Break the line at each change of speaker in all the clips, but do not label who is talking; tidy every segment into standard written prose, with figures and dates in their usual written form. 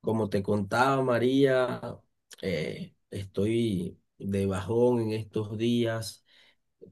Como te contaba María, estoy de bajón en estos días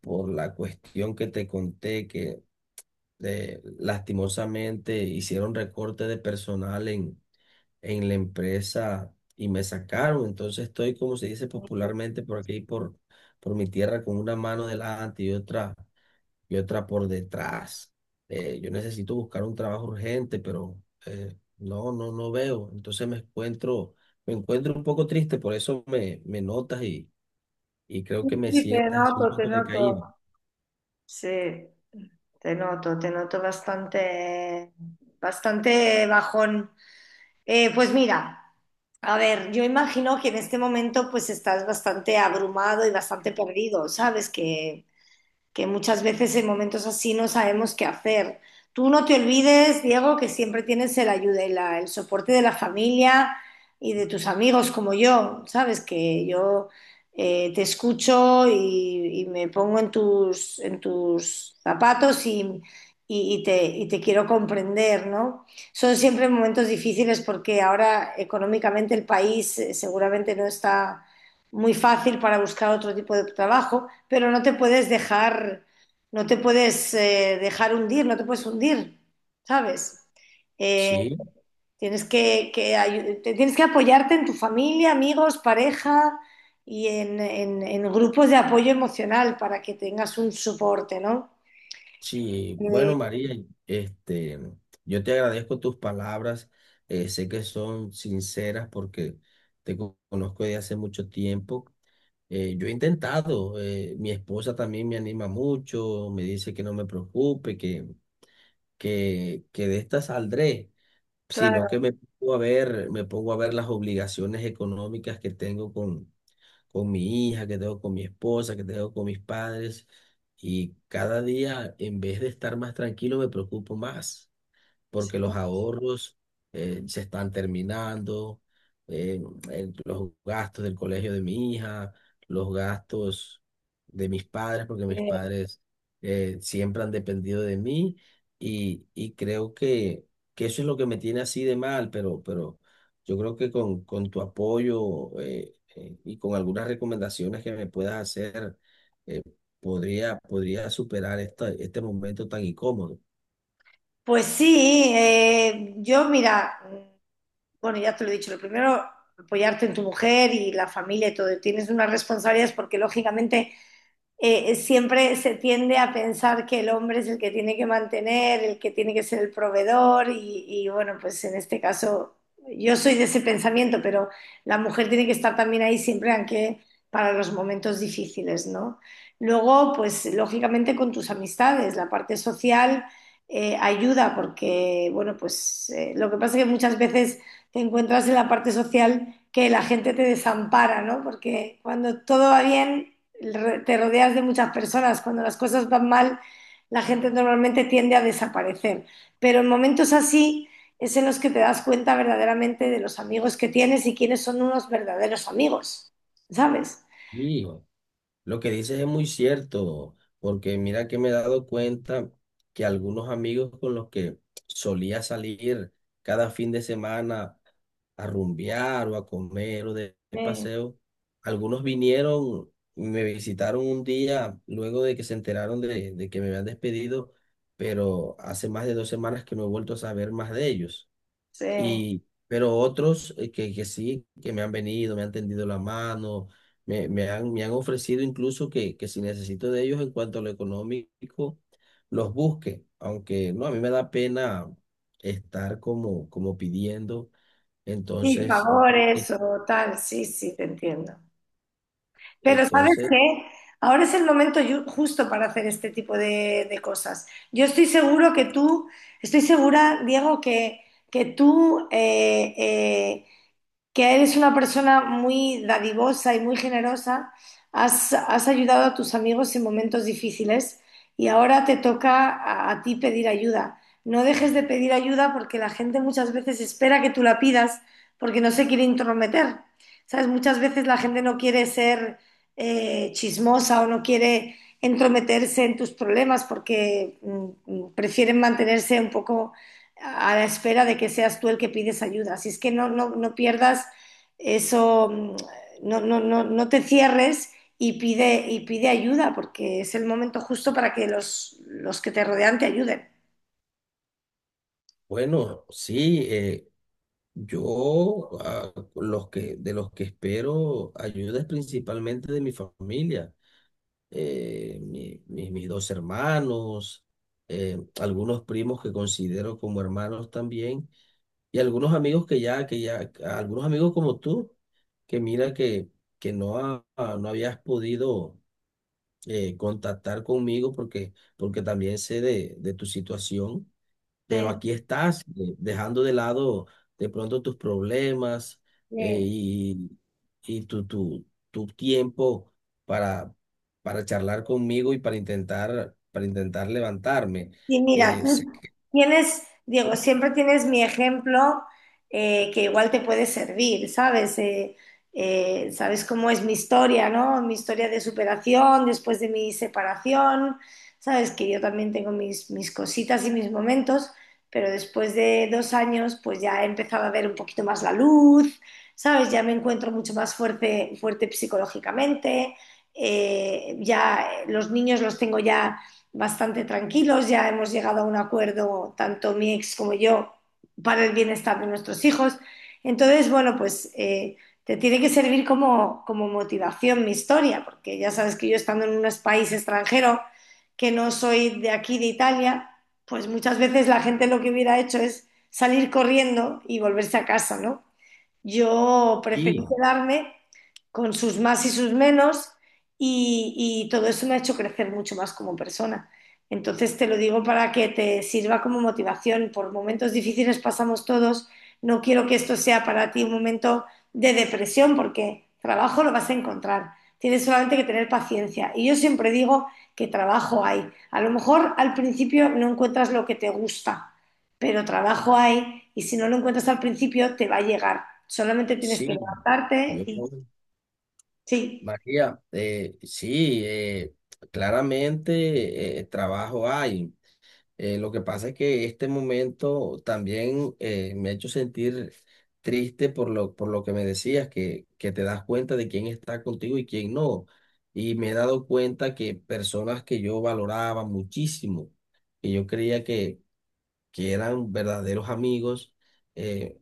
por la cuestión que te conté que lastimosamente hicieron recorte de personal en la empresa y me sacaron. Entonces estoy, como se dice popularmente por aquí, por mi tierra, con una mano delante y otra por detrás. Yo necesito buscar un trabajo urgente, pero no, no veo. Me encuentro un poco triste, por eso me notas y creo que me
Sí, te
sientas así un
noto, te
poco
noto.
decaído.
Sí, te noto bastante, bastante bajón. Pues mira, a ver, yo imagino que en este momento pues estás bastante abrumado y bastante perdido, ¿sabes? Que muchas veces en momentos así no sabemos qué hacer. Tú no te olvides, Diego, que siempre tienes el soporte de la familia y de tus amigos como yo, ¿sabes? Que yo te escucho y, me pongo en tus zapatos y, y te quiero comprender, ¿no? Son siempre momentos difíciles porque ahora económicamente el país seguramente no está muy fácil para buscar otro tipo de trabajo, pero no te puedes dejar, no te puedes dejar hundir, no te puedes hundir, ¿sabes? Eh,
Sí,
tienes que apoyarte en tu familia, amigos, pareja y en grupos de apoyo emocional para que tengas un soporte, ¿no?
sí. Bueno,
Eh,
María, este, yo te agradezco tus palabras. Sé que son sinceras porque conozco de hace mucho tiempo. Yo he intentado, mi esposa también me anima mucho, me dice que no me preocupe, que de esta saldré, sino
claro.
que me pongo a ver las obligaciones económicas que tengo con mi hija, que tengo con mi esposa, que tengo con mis padres, y cada día, en vez de estar más tranquilo, me preocupo más porque los ahorros se están terminando, eh, los gastos del colegio de mi hija, los gastos de mis padres, porque mis
eh,
padres siempre han dependido de mí y creo que eso es lo que me tiene así de mal, pero yo creo que con tu apoyo y con algunas recomendaciones que me puedas hacer, eh, podría superar este momento tan incómodo.
pues sí, yo mira. Bueno, ya te lo he dicho, lo primero, apoyarte en tu mujer y la familia y todo. Tienes unas responsabilidades porque lógicamente siempre se tiende a pensar que el hombre es el que tiene que mantener, el que tiene que ser el proveedor y bueno, pues en este caso yo soy de ese pensamiento, pero la mujer tiene que estar también ahí siempre, aunque para los momentos difíciles, ¿no? Luego, pues lógicamente con tus amistades, la parte social ayuda porque, bueno, pues lo que pasa es que muchas veces te encuentras en la parte social que la gente te desampara, ¿no? Porque cuando todo va bien te rodeas de muchas personas. Cuando las cosas van mal, la gente normalmente tiende a desaparecer. Pero en momentos así es en los que te das cuenta verdaderamente de los amigos que tienes y quiénes son unos verdaderos amigos, ¿sabes?
Sí, lo que dices es muy cierto, porque mira que me he dado cuenta que algunos amigos con los que solía salir cada fin de semana a rumbear o a comer o de
Sí,
paseo, algunos vinieron, me visitaron un día luego de que se enteraron de que me habían despedido, pero hace más de dos semanas que no he vuelto a saber más de ellos.
sí.
Y, pero otros que sí, que me han venido, me han tendido la mano, me han ofrecido incluso que si necesito de ellos en cuanto a lo económico, los busque. Aunque no, a mí me da pena estar como, como pidiendo.
Sí,
Entonces, eh,
favores o tal, sí, sí, te entiendo. Pero ¿sabes
entonces,
qué? Ahora es el momento justo para hacer este tipo de cosas. Yo estoy seguro que tú, Estoy segura, Diego, que tú que eres una persona muy dadivosa y muy generosa, has ayudado a tus amigos en momentos difíciles y ahora te toca a ti pedir ayuda. No dejes de pedir ayuda porque la gente muchas veces espera que tú la pidas porque no se quiere intrometer. ¿Sabes? Muchas veces la gente no quiere ser chismosa o no quiere entrometerse en tus problemas porque prefieren mantenerse un poco a la espera de que seas tú el que pides ayuda. Así es que no pierdas eso, no te cierres y pide ayuda, porque es el momento justo para que los que te rodean te ayuden.
bueno, sí, yo de los que espero ayuda es principalmente de mi familia, mis dos hermanos, algunos primos que considero como hermanos también, y algunos amigos algunos amigos como tú, que mira que no, no habías podido contactar conmigo porque, porque también sé de tu situación, pero
Sí,
aquí estás dejando de lado de pronto tus problemas
sí.
y, tu tiempo para, para charlar conmigo y para intentar levantarme.
Y mira,
Sé
tú
que
tienes, Diego, siempre tienes mi ejemplo que igual te puede servir, ¿sabes? Sabes cómo es mi historia, ¿no? Mi historia de superación después de mi separación, ¿sabes? Que yo también tengo mis cositas y mis momentos, pero después de dos años pues ya he empezado a ver un poquito más la luz, ¿sabes? Ya me encuentro mucho más fuerte, fuerte psicológicamente, ya los niños los tengo ya bastante tranquilos, ya hemos llegado a un acuerdo, tanto mi ex como yo, para el bienestar de nuestros hijos. Entonces, bueno, pues te tiene que servir como, como motivación mi historia, porque ya sabes que yo estando en un país extranjero, que no soy de aquí, de Italia, pues muchas veces la gente lo que hubiera hecho es salir corriendo y volverse a casa, ¿no? Yo preferí
sí,
quedarme con sus más y sus menos y, y todo eso me ha hecho crecer mucho más como persona. Entonces te lo digo para que te sirva como motivación. Por momentos difíciles pasamos todos. No quiero que esto sea para ti un momento de depresión porque trabajo lo vas a encontrar. Tienes solamente que tener paciencia. Y yo siempre digo que trabajo hay. A lo mejor al principio no encuentras lo que te gusta pero trabajo hay y si no lo encuentras al principio te va a llegar. Solamente tienes que
sí,
levantarte
yo,
y sí,
María, sí, claramente trabajo hay. Lo que pasa es que este momento también me ha hecho sentir triste por por lo que me decías, que te das cuenta de quién está contigo y quién no. Y me he dado cuenta que personas que yo valoraba muchísimo, que yo creía que eran verdaderos amigos, eh,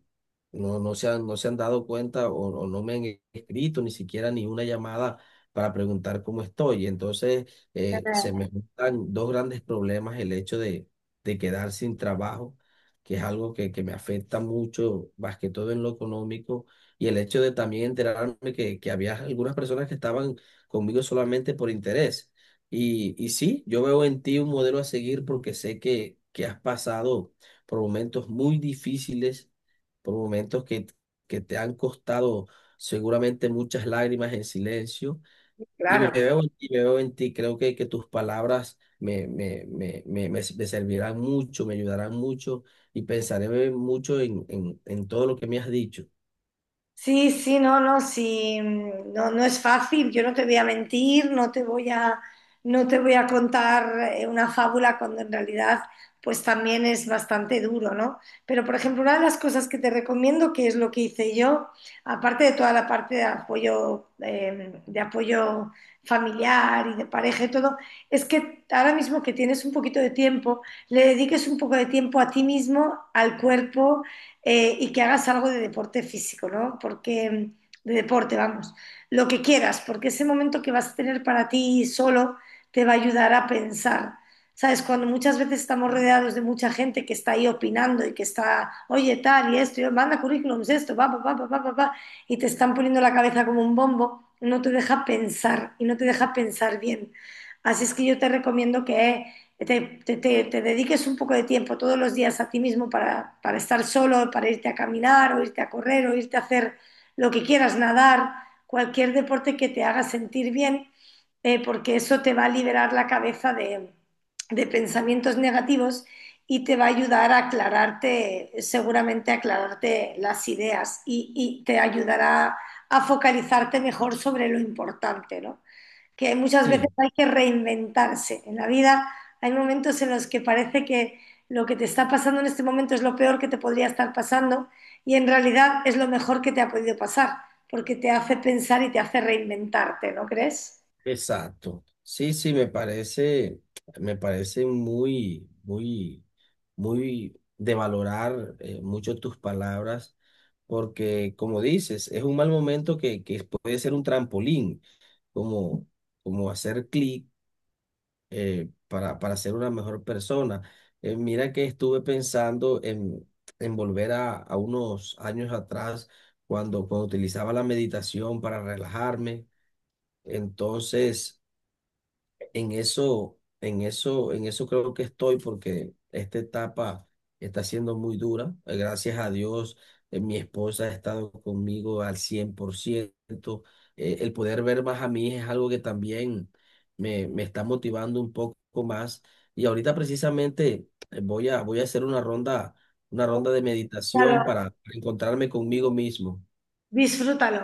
no, no se han dado cuenta o no me han e-, escrito ni siquiera ni una llamada para preguntar cómo estoy. Entonces, se me juntan dos grandes problemas, el hecho de quedar sin trabajo, que es algo que me afecta mucho, más que todo en lo económico, y el hecho de también enterarme que había algunas personas que estaban conmigo solamente por interés. Y sí, yo veo en ti un modelo a seguir porque sé que has pasado por momentos muy difíciles, por momentos que te han costado seguramente muchas lágrimas en silencio. Y me
claro.
veo en ti, me veo en ti. Creo que tus palabras me servirán mucho, me ayudarán mucho y pensaré mucho en todo lo que me has dicho.
Sí, sí, no, no, sí, no, no es fácil, yo no te voy a mentir, no te no te voy a contar una fábula cuando en realidad pues también es bastante duro, ¿no? Pero por ejemplo, una de las cosas que te recomiendo, que es lo que hice yo, aparte de toda la parte de apoyo familiar y de pareja y todo, es que ahora mismo que tienes un poquito de tiempo, le dediques un poco de tiempo a ti mismo, al cuerpo y que hagas algo de deporte físico, ¿no? Porque, de deporte, vamos, lo que quieras, porque ese momento que vas a tener para ti solo te va a ayudar a pensar. ¿Sabes? Cuando muchas veces estamos rodeados de mucha gente que está ahí opinando y que está, oye, tal y esto, y manda currículums, esto, va, y te están poniendo la cabeza como un bombo, no te deja pensar y no te deja pensar bien. Así es que yo te recomiendo que te dediques un poco de tiempo todos los días a ti mismo para estar solo, para irte a caminar o irte a correr o irte a hacer lo que quieras, nadar, cualquier deporte que te haga sentir bien, porque eso te va a liberar la cabeza de pensamientos negativos y te va a ayudar a aclararte, seguramente a aclararte las ideas y te ayudará a focalizarte mejor sobre lo importante, ¿no? Que muchas veces
Sí.
hay que reinventarse. En la vida hay momentos en los que parece que lo que te está pasando en este momento es lo peor que te podría estar pasando y en realidad es lo mejor que te ha podido pasar, porque te hace pensar y te hace reinventarte, ¿no crees?
Exacto. Sí, sí, me parece muy, muy, muy de valorar mucho tus palabras, porque como dices, es un mal momento que puede ser un trampolín, como, como hacer clic para ser una mejor persona. Mira que estuve pensando en volver a unos años atrás, cuando, cuando utilizaba la meditación para relajarme. Entonces en eso creo que estoy porque esta etapa está siendo muy dura. Gracias a Dios, mi esposa ha estado conmigo al 100%. El poder ver más a mi hija es algo que también me está motivando un poco más. Y ahorita precisamente voy a hacer una ronda de meditación
Claro,
para encontrarme conmigo mismo.
disfrútalo.